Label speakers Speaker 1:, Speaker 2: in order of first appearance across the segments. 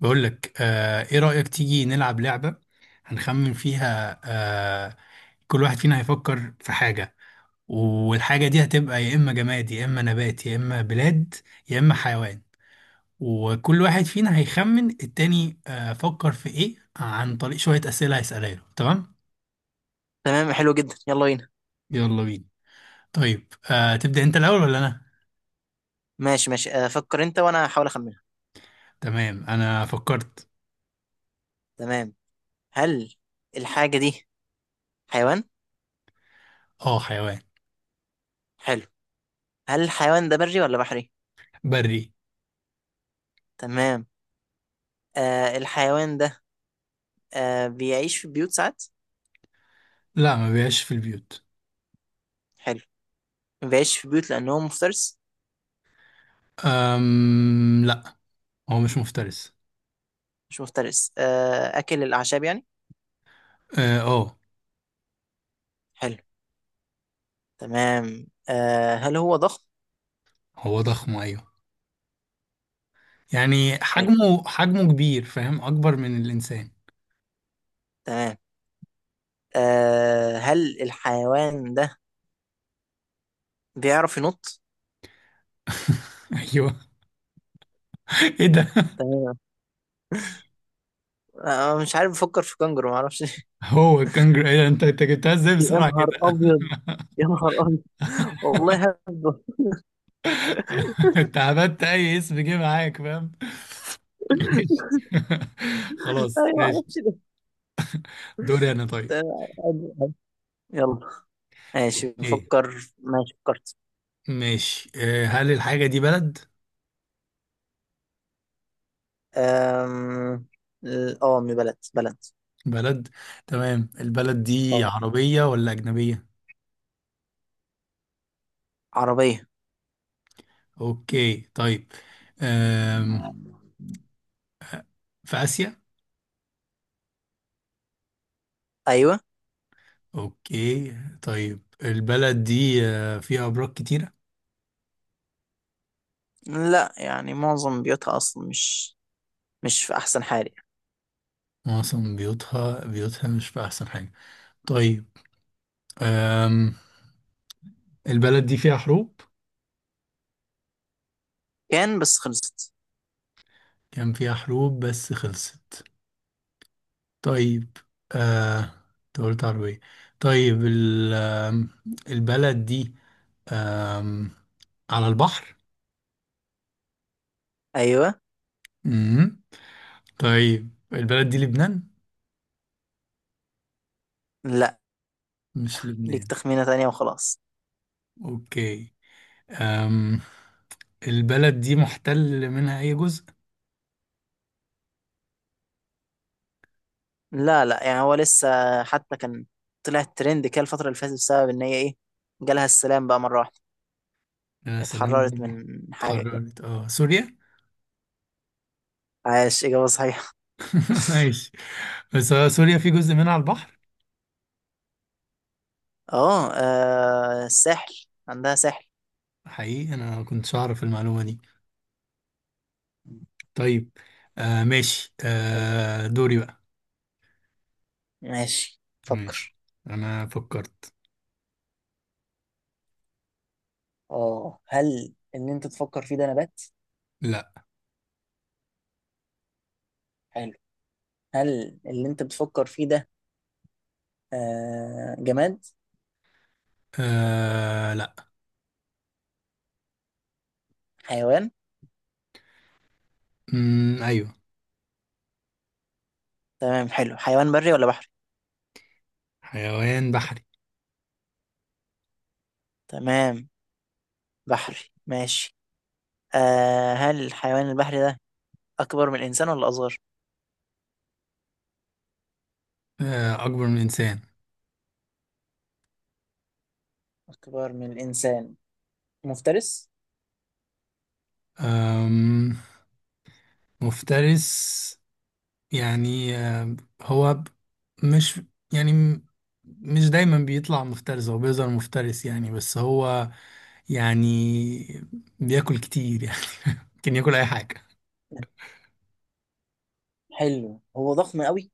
Speaker 1: بقول لك ايه رأيك تيجي نلعب لعبة هنخمن فيها كل واحد فينا هيفكر في حاجة، والحاجة دي هتبقى يا إما جماد يا إما نبات يا إما بلاد يا إما حيوان. وكل واحد فينا هيخمن التاني فكر في ايه عن طريق شوية أسئلة هيسألها له، تمام؟
Speaker 2: تمام، حلو جدا، يلا بينا.
Speaker 1: يلا بينا. طيب تبدأ انت الأول ولا أنا؟
Speaker 2: ماشي ماشي، فكر انت وانا هحاول اخمنها.
Speaker 1: تمام أنا فكرت.
Speaker 2: تمام. هل الحاجة دي حيوان؟
Speaker 1: اه حيوان
Speaker 2: حلو. هل الحيوان ده بري ولا بحري؟
Speaker 1: بري.
Speaker 2: تمام. الحيوان ده بيعيش في بيوت ساعات؟
Speaker 1: لا، ما بيعيش في البيوت.
Speaker 2: حلو. ما بيعيش في بيوت لأنه هو مفترس.
Speaker 1: لا، هو مش مفترس.
Speaker 2: مش مفترس، أكل الأعشاب يعني.
Speaker 1: اه آه.
Speaker 2: حلو. تمام. هل هو ضخم؟
Speaker 1: هو ضخم ايوه، يعني
Speaker 2: حلو.
Speaker 1: حجمه كبير، فاهم؟ اكبر من الانسان.
Speaker 2: تمام. هل الحيوان ده بيعرف ينط؟
Speaker 1: ايوه. ايه ده؟
Speaker 2: تمام. مش عارف، بفكر في كنجر، معرفش.
Speaker 1: هو الكنجر؟ ايه ده، انت جبتها ازاي
Speaker 2: يا
Speaker 1: بسرعه
Speaker 2: نهار
Speaker 1: كده؟
Speaker 2: ابيض، يا نهار ابيض. والله هبه.
Speaker 1: انت عبدت اي اسم جه معاك، فاهم؟ ماشي خلاص
Speaker 2: ايوه، ما
Speaker 1: ماشي.
Speaker 2: اعرفش ده.
Speaker 1: دوري انا طيب.
Speaker 2: آه، يلا. ماشي
Speaker 1: اوكي
Speaker 2: بفكر. ماشي فكرت.
Speaker 1: ماشي هل الحاجه دي بلد؟
Speaker 2: أم... اه، من بلد.
Speaker 1: بلد. تمام، البلد دي
Speaker 2: اه،
Speaker 1: عربيه ولا اجنبيه؟
Speaker 2: عربية.
Speaker 1: اوكي طيب، آم، في اسيا؟
Speaker 2: ايوه.
Speaker 1: اوكي. طيب البلد دي فيها ابراج كتيرة؟
Speaker 2: لا، يعني معظم بيوتها اصلا مش مش في احسن حال يعني.
Speaker 1: معظم بيوتها مش في احسن حاجة. طيب، آم، البلد دي فيها حروب؟
Speaker 2: كان بس خلصت.
Speaker 1: كان فيها حروب بس خلصت. طيب، آه أنت قلت عربية. طيب البلد دي آم، على البحر؟
Speaker 2: ايوه.
Speaker 1: مم. طيب البلد دي لبنان؟
Speaker 2: لا،
Speaker 1: مش
Speaker 2: ليك
Speaker 1: لبنان.
Speaker 2: تخمينة تانية وخلاص.
Speaker 1: اوكي، أم البلد دي محتل منها اي جزء؟
Speaker 2: لا لا، يعني هو لسه حتى كان طلع ترند كده الفترة اللي فاتت، بسبب ان هي ايه، جالها السلام بقى مرة واحدة،
Speaker 1: يا سلام
Speaker 2: اتحررت
Speaker 1: والله.
Speaker 2: من حاجة كده.
Speaker 1: اتحررت، سوريا.
Speaker 2: عاش، إجابة صحيحة.
Speaker 1: ماشي، بس سوريا في جزء منها على البحر؟
Speaker 2: اه، الساحل، عندها ساحل.
Speaker 1: حقيقي انا ما كنتش اعرف المعلومه دي. طيب ماشي
Speaker 2: حلو.
Speaker 1: دوري بقى.
Speaker 2: ماشي،
Speaker 1: ماشي
Speaker 2: فكر.
Speaker 1: انا فكرت.
Speaker 2: اه، هل اللي انت تفكر فيه ده نبات؟
Speaker 1: لا.
Speaker 2: حلو. هل اللي انت بتفكر فيه ده جماد؟
Speaker 1: لا.
Speaker 2: حيوان.
Speaker 1: مم، ايوه.
Speaker 2: تمام، حلو. حيوان بري ولا بحري؟
Speaker 1: حيوان بحري.
Speaker 2: تمام، بحري. ماشي. هل الحيوان البحري ده أكبر من الإنسان ولا أصغر؟
Speaker 1: اكبر من الانسان.
Speaker 2: اكبر من الانسان. مفترس.
Speaker 1: آم مفترس، يعني هو ب- مش، يعني م- مش دايما بيطلع مفترس، هو بيظهر مفترس يعني، بس هو يعني بياكل كتير يعني. ممكن ياكل اي حاجه.
Speaker 2: حلو. هو ضخم قوي؟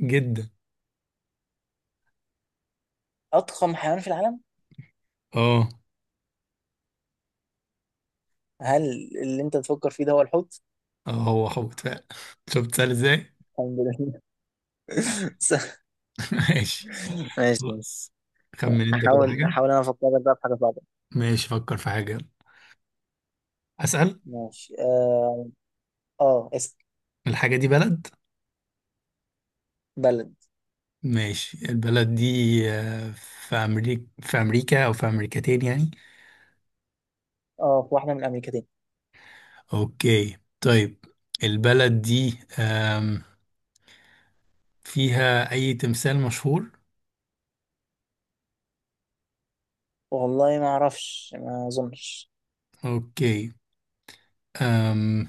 Speaker 1: جدا.
Speaker 2: اضخم حيوان في العالم.
Speaker 1: اه
Speaker 2: هل اللي انت تفكر فيه ده هو الحوت؟
Speaker 1: اه، هو حوت فعلا. شفت سهل ازاي؟
Speaker 2: الحمد لله.
Speaker 1: ماشي.
Speaker 2: ماشي.
Speaker 1: بص، خمن انت كده
Speaker 2: احاول
Speaker 1: حاجه.
Speaker 2: احاول انا افكرك بقى في حاجه صعبه.
Speaker 1: ماشي فكر في حاجه. اسال.
Speaker 2: ماشي، اسم
Speaker 1: الحاجه دي بلد؟
Speaker 2: بلد.
Speaker 1: ماشي، البلد دي آه، في امريكا او في امريكتين يعني؟
Speaker 2: اه، في واحده من الامريكتين.
Speaker 1: اوكي طيب، البلد دي فيها اي تمثال مشهور؟
Speaker 2: والله ما اعرفش، ما اظنش.
Speaker 1: اوكي، أم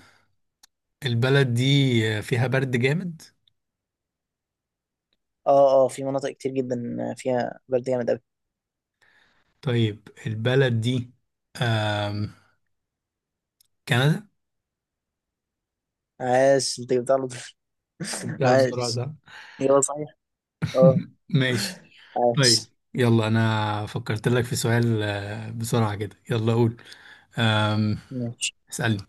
Speaker 1: البلد دي فيها برد جامد؟
Speaker 2: اه اه، في مناطق كتير جدا فيها برد جامد قوي.
Speaker 1: طيب البلد دي آم، كندا؟
Speaker 2: عاش، انت جبتها على طول.
Speaker 1: جبتها بسرعة
Speaker 2: عاش.
Speaker 1: صح؟
Speaker 2: يلا صحيح، اه.
Speaker 1: ماشي. طيب،
Speaker 2: عاش.
Speaker 1: يلا انا فكرت لك في سؤال بسرعة كده يلا قول. آم،
Speaker 2: ماشي
Speaker 1: اسألني.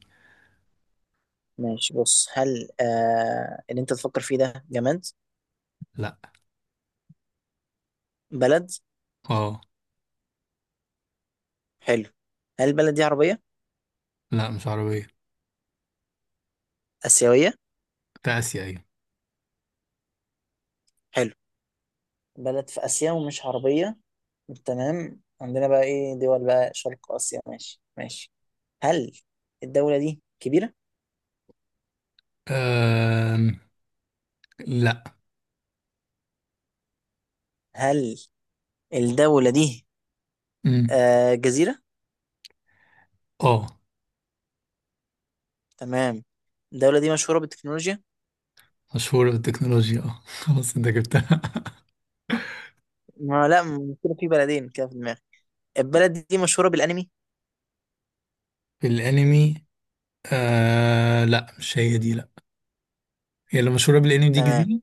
Speaker 2: ماشي، بص، هل اللي انت تفكر فيه ده جماد؟
Speaker 1: لا.
Speaker 2: بلد.
Speaker 1: اه.
Speaker 2: حلو. هل البلد دي عربيه؟
Speaker 1: لا، مش عربية.
Speaker 2: اسيويه؟
Speaker 1: في اسيا ايوه.
Speaker 2: حلو. بلد في آسيا ومش عربية. تمام، عندنا بقى إيه؟ دول بقى شرق آسيا. ماشي ماشي. هل الدولة دي كبيرة؟
Speaker 1: آم، لا.
Speaker 2: هل الدولة دي
Speaker 1: مم.
Speaker 2: جزيرة؟
Speaker 1: اه،
Speaker 2: تمام. الدولة دي مشهورة بالتكنولوجيا؟
Speaker 1: مشهورة بالتكنولوجيا اه خلاص انت جبتها.
Speaker 2: ما لا م- كده في بلدين كده في دماغي. البلد دي مشهورة بالأنمي؟
Speaker 1: في الانمي؟ لا مش هي دي، لا. هي اللي مشهورة بالانمي دي
Speaker 2: تمام.
Speaker 1: جزيرة.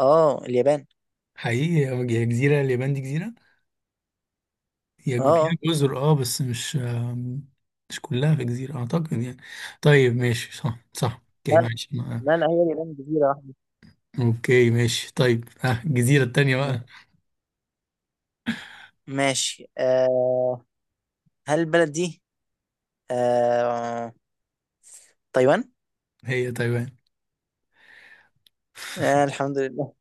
Speaker 2: اه، اليابان.
Speaker 1: حقيقي، هي جزيرة، اليابان دي جزيرة. هي
Speaker 2: اه
Speaker 1: فيها
Speaker 2: اه.
Speaker 1: جزر اه، بس مش مش كلها في جزيرة اعتقد يعني. طيب ماشي، صح صح
Speaker 2: لا
Speaker 1: اوكي
Speaker 2: لا
Speaker 1: ماشي
Speaker 2: لا لا، هي اليابان جزيرة
Speaker 1: اوكي ماشي طيب، ها الجزيرة التانية
Speaker 2: واحدة.
Speaker 1: بقى؟
Speaker 2: ماشي، هل البلد دي آه تايوان؟
Speaker 1: هي تايوان.
Speaker 2: آه الحمد لله.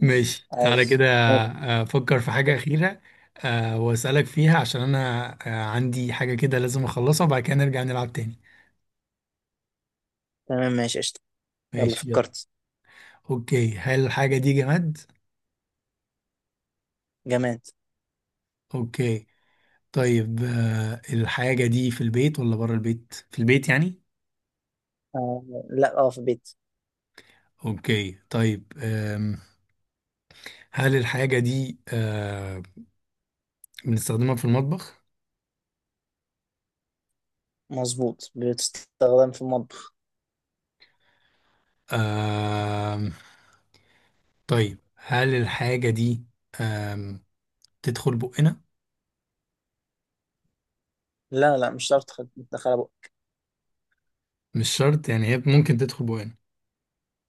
Speaker 1: ماشي، تعالى
Speaker 2: عايز.
Speaker 1: كده افكر في حاجة أخيرة واسألك فيها عشان انا عندي حاجة كده لازم اخلصها وبعد كده نرجع نلعب تاني.
Speaker 2: تمام ماشي قشطة. يلا
Speaker 1: ماشي يلا.
Speaker 2: فكرت.
Speaker 1: اوكي، هل الحاجة دي جماد؟
Speaker 2: جماد.
Speaker 1: اوكي، طيب الحاجة دي في البيت ولا بره البيت؟ في البيت يعني.
Speaker 2: آه لا، اه في بيت.
Speaker 1: اوكي طيب، هل الحاجة دي بنستخدمها في المطبخ؟
Speaker 2: مظبوط، بتستخدم في المطبخ.
Speaker 1: آه طيب هل الحاجة دي آه تدخل بقنا؟
Speaker 2: لا لا، مش هتعرف تدخلها بقى.
Speaker 1: مش شرط يعني، هي ممكن تدخل بقنا.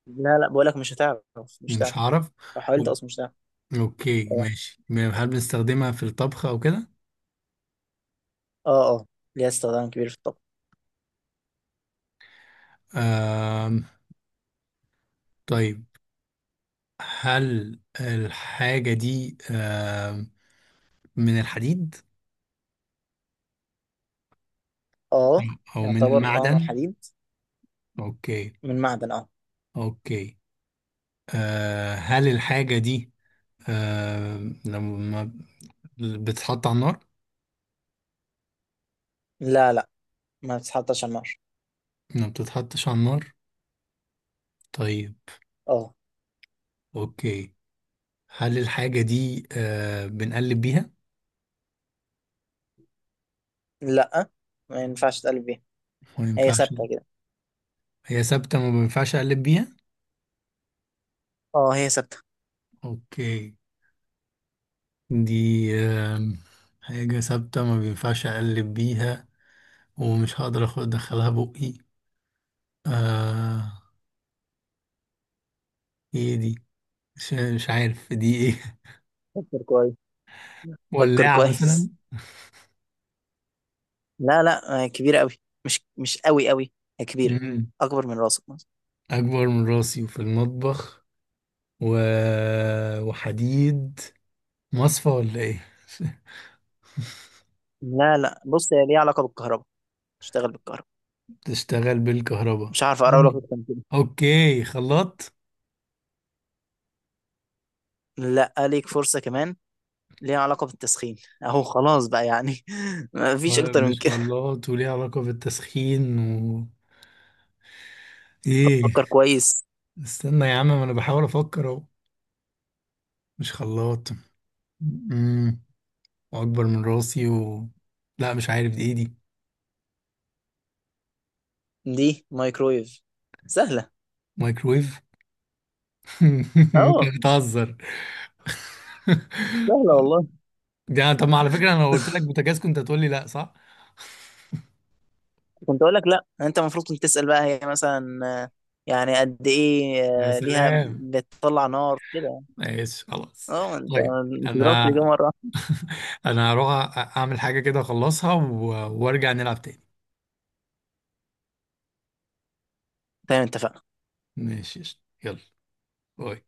Speaker 2: لا لا، بقولك مش هتعرف، مش هتعرف.
Speaker 1: مش هعرف.
Speaker 2: لو حاولت
Speaker 1: أو-
Speaker 2: اصلا مش هتعرف.
Speaker 1: اوكي
Speaker 2: اه
Speaker 1: ماشي، هل بنستخدمها في الطبخ او كده؟
Speaker 2: اه، اه ليها استخدام كبير في الطبخ.
Speaker 1: آه طيب هل الحاجة دي من الحديد
Speaker 2: اه
Speaker 1: او من
Speaker 2: يعتبر اه من
Speaker 1: المعدن؟
Speaker 2: حديد،
Speaker 1: اوكي.
Speaker 2: من معدن اه.
Speaker 1: اوكي، هل الحاجة دي آه لما بتتحط على النار؟
Speaker 2: لا لا، ما بتتحطش على النار.
Speaker 1: ما بتتحطش على النار. طيب،
Speaker 2: اه.
Speaker 1: اوكي، هل الحاجة دي بنقلب بيها؟
Speaker 2: لا، ما ينفعش تقلب بيها،
Speaker 1: ما
Speaker 2: هي
Speaker 1: ينفعش.
Speaker 2: ثابتة كده.
Speaker 1: هي ثابتة، ما بينفعش اقلب بيها.
Speaker 2: اه هي ثابتة.
Speaker 1: اوكي، دي آه حاجة ثابتة ما بينفعش اقلب بيها، ومش هقدر اخد ادخلها بقي آه ايه دي، مش عارف دي ايه.
Speaker 2: فكر كويس. فكر
Speaker 1: ولاعة مثلا؟
Speaker 2: كويس. لا، كبيرة قوي. مش مش قوي قوي، هي كبيرة.
Speaker 1: مم.
Speaker 2: أكبر من راسك مثلا.
Speaker 1: اكبر من راسي وفي المطبخ، و... وحديد، مصفى ولا ايه؟
Speaker 2: لا لا، بص، هي ليها علاقة بالكهرباء، تشتغل بالكهرباء.
Speaker 1: تشتغل بالكهرباء.
Speaker 2: مش عارف أقرب
Speaker 1: مم.
Speaker 2: لك أكتر من كده.
Speaker 1: اوكي، خلاط؟
Speaker 2: لا، ليك فرصة كمان. ليها علاقة بالتسخين. أهو خلاص بقى يعني،
Speaker 1: مم.
Speaker 2: مفيش أكتر من
Speaker 1: مش
Speaker 2: كده.
Speaker 1: خلاط، وليه علاقة بالتسخين و ايه؟
Speaker 2: فكر كويس.
Speaker 1: استنى يا عم، ما انا بحاول افكر اهو. مش خلاط، امم واكبر من راسي و لا مش عارف دي ايه. دي
Speaker 2: دي مايكرويف، سهلة.
Speaker 1: مايكرويف؟
Speaker 2: أه،
Speaker 1: انت بتهزر.
Speaker 2: سهلة والله.
Speaker 1: يعني طب، ما على فكرة انا لو قلت لك بوتاجاز كنت هتقول لي لا، صح؟
Speaker 2: كنت أقول لك لا. أنت المفروض كنت تسأل بقى هي مثلا يعني قد إيه،
Speaker 1: يا
Speaker 2: ليها
Speaker 1: سلام.
Speaker 2: بتطلع نار كده.
Speaker 1: ماشي خلاص.
Speaker 2: أه أنت،
Speaker 1: طيب
Speaker 2: أنت ضربت
Speaker 1: انا
Speaker 2: الإجابة مرة.
Speaker 1: انا هروح اعمل حاجة كده اخلصها وارجع نلعب تاني.
Speaker 2: تمام، اتفقنا.
Speaker 1: ماشي قشطة. يلا. باي.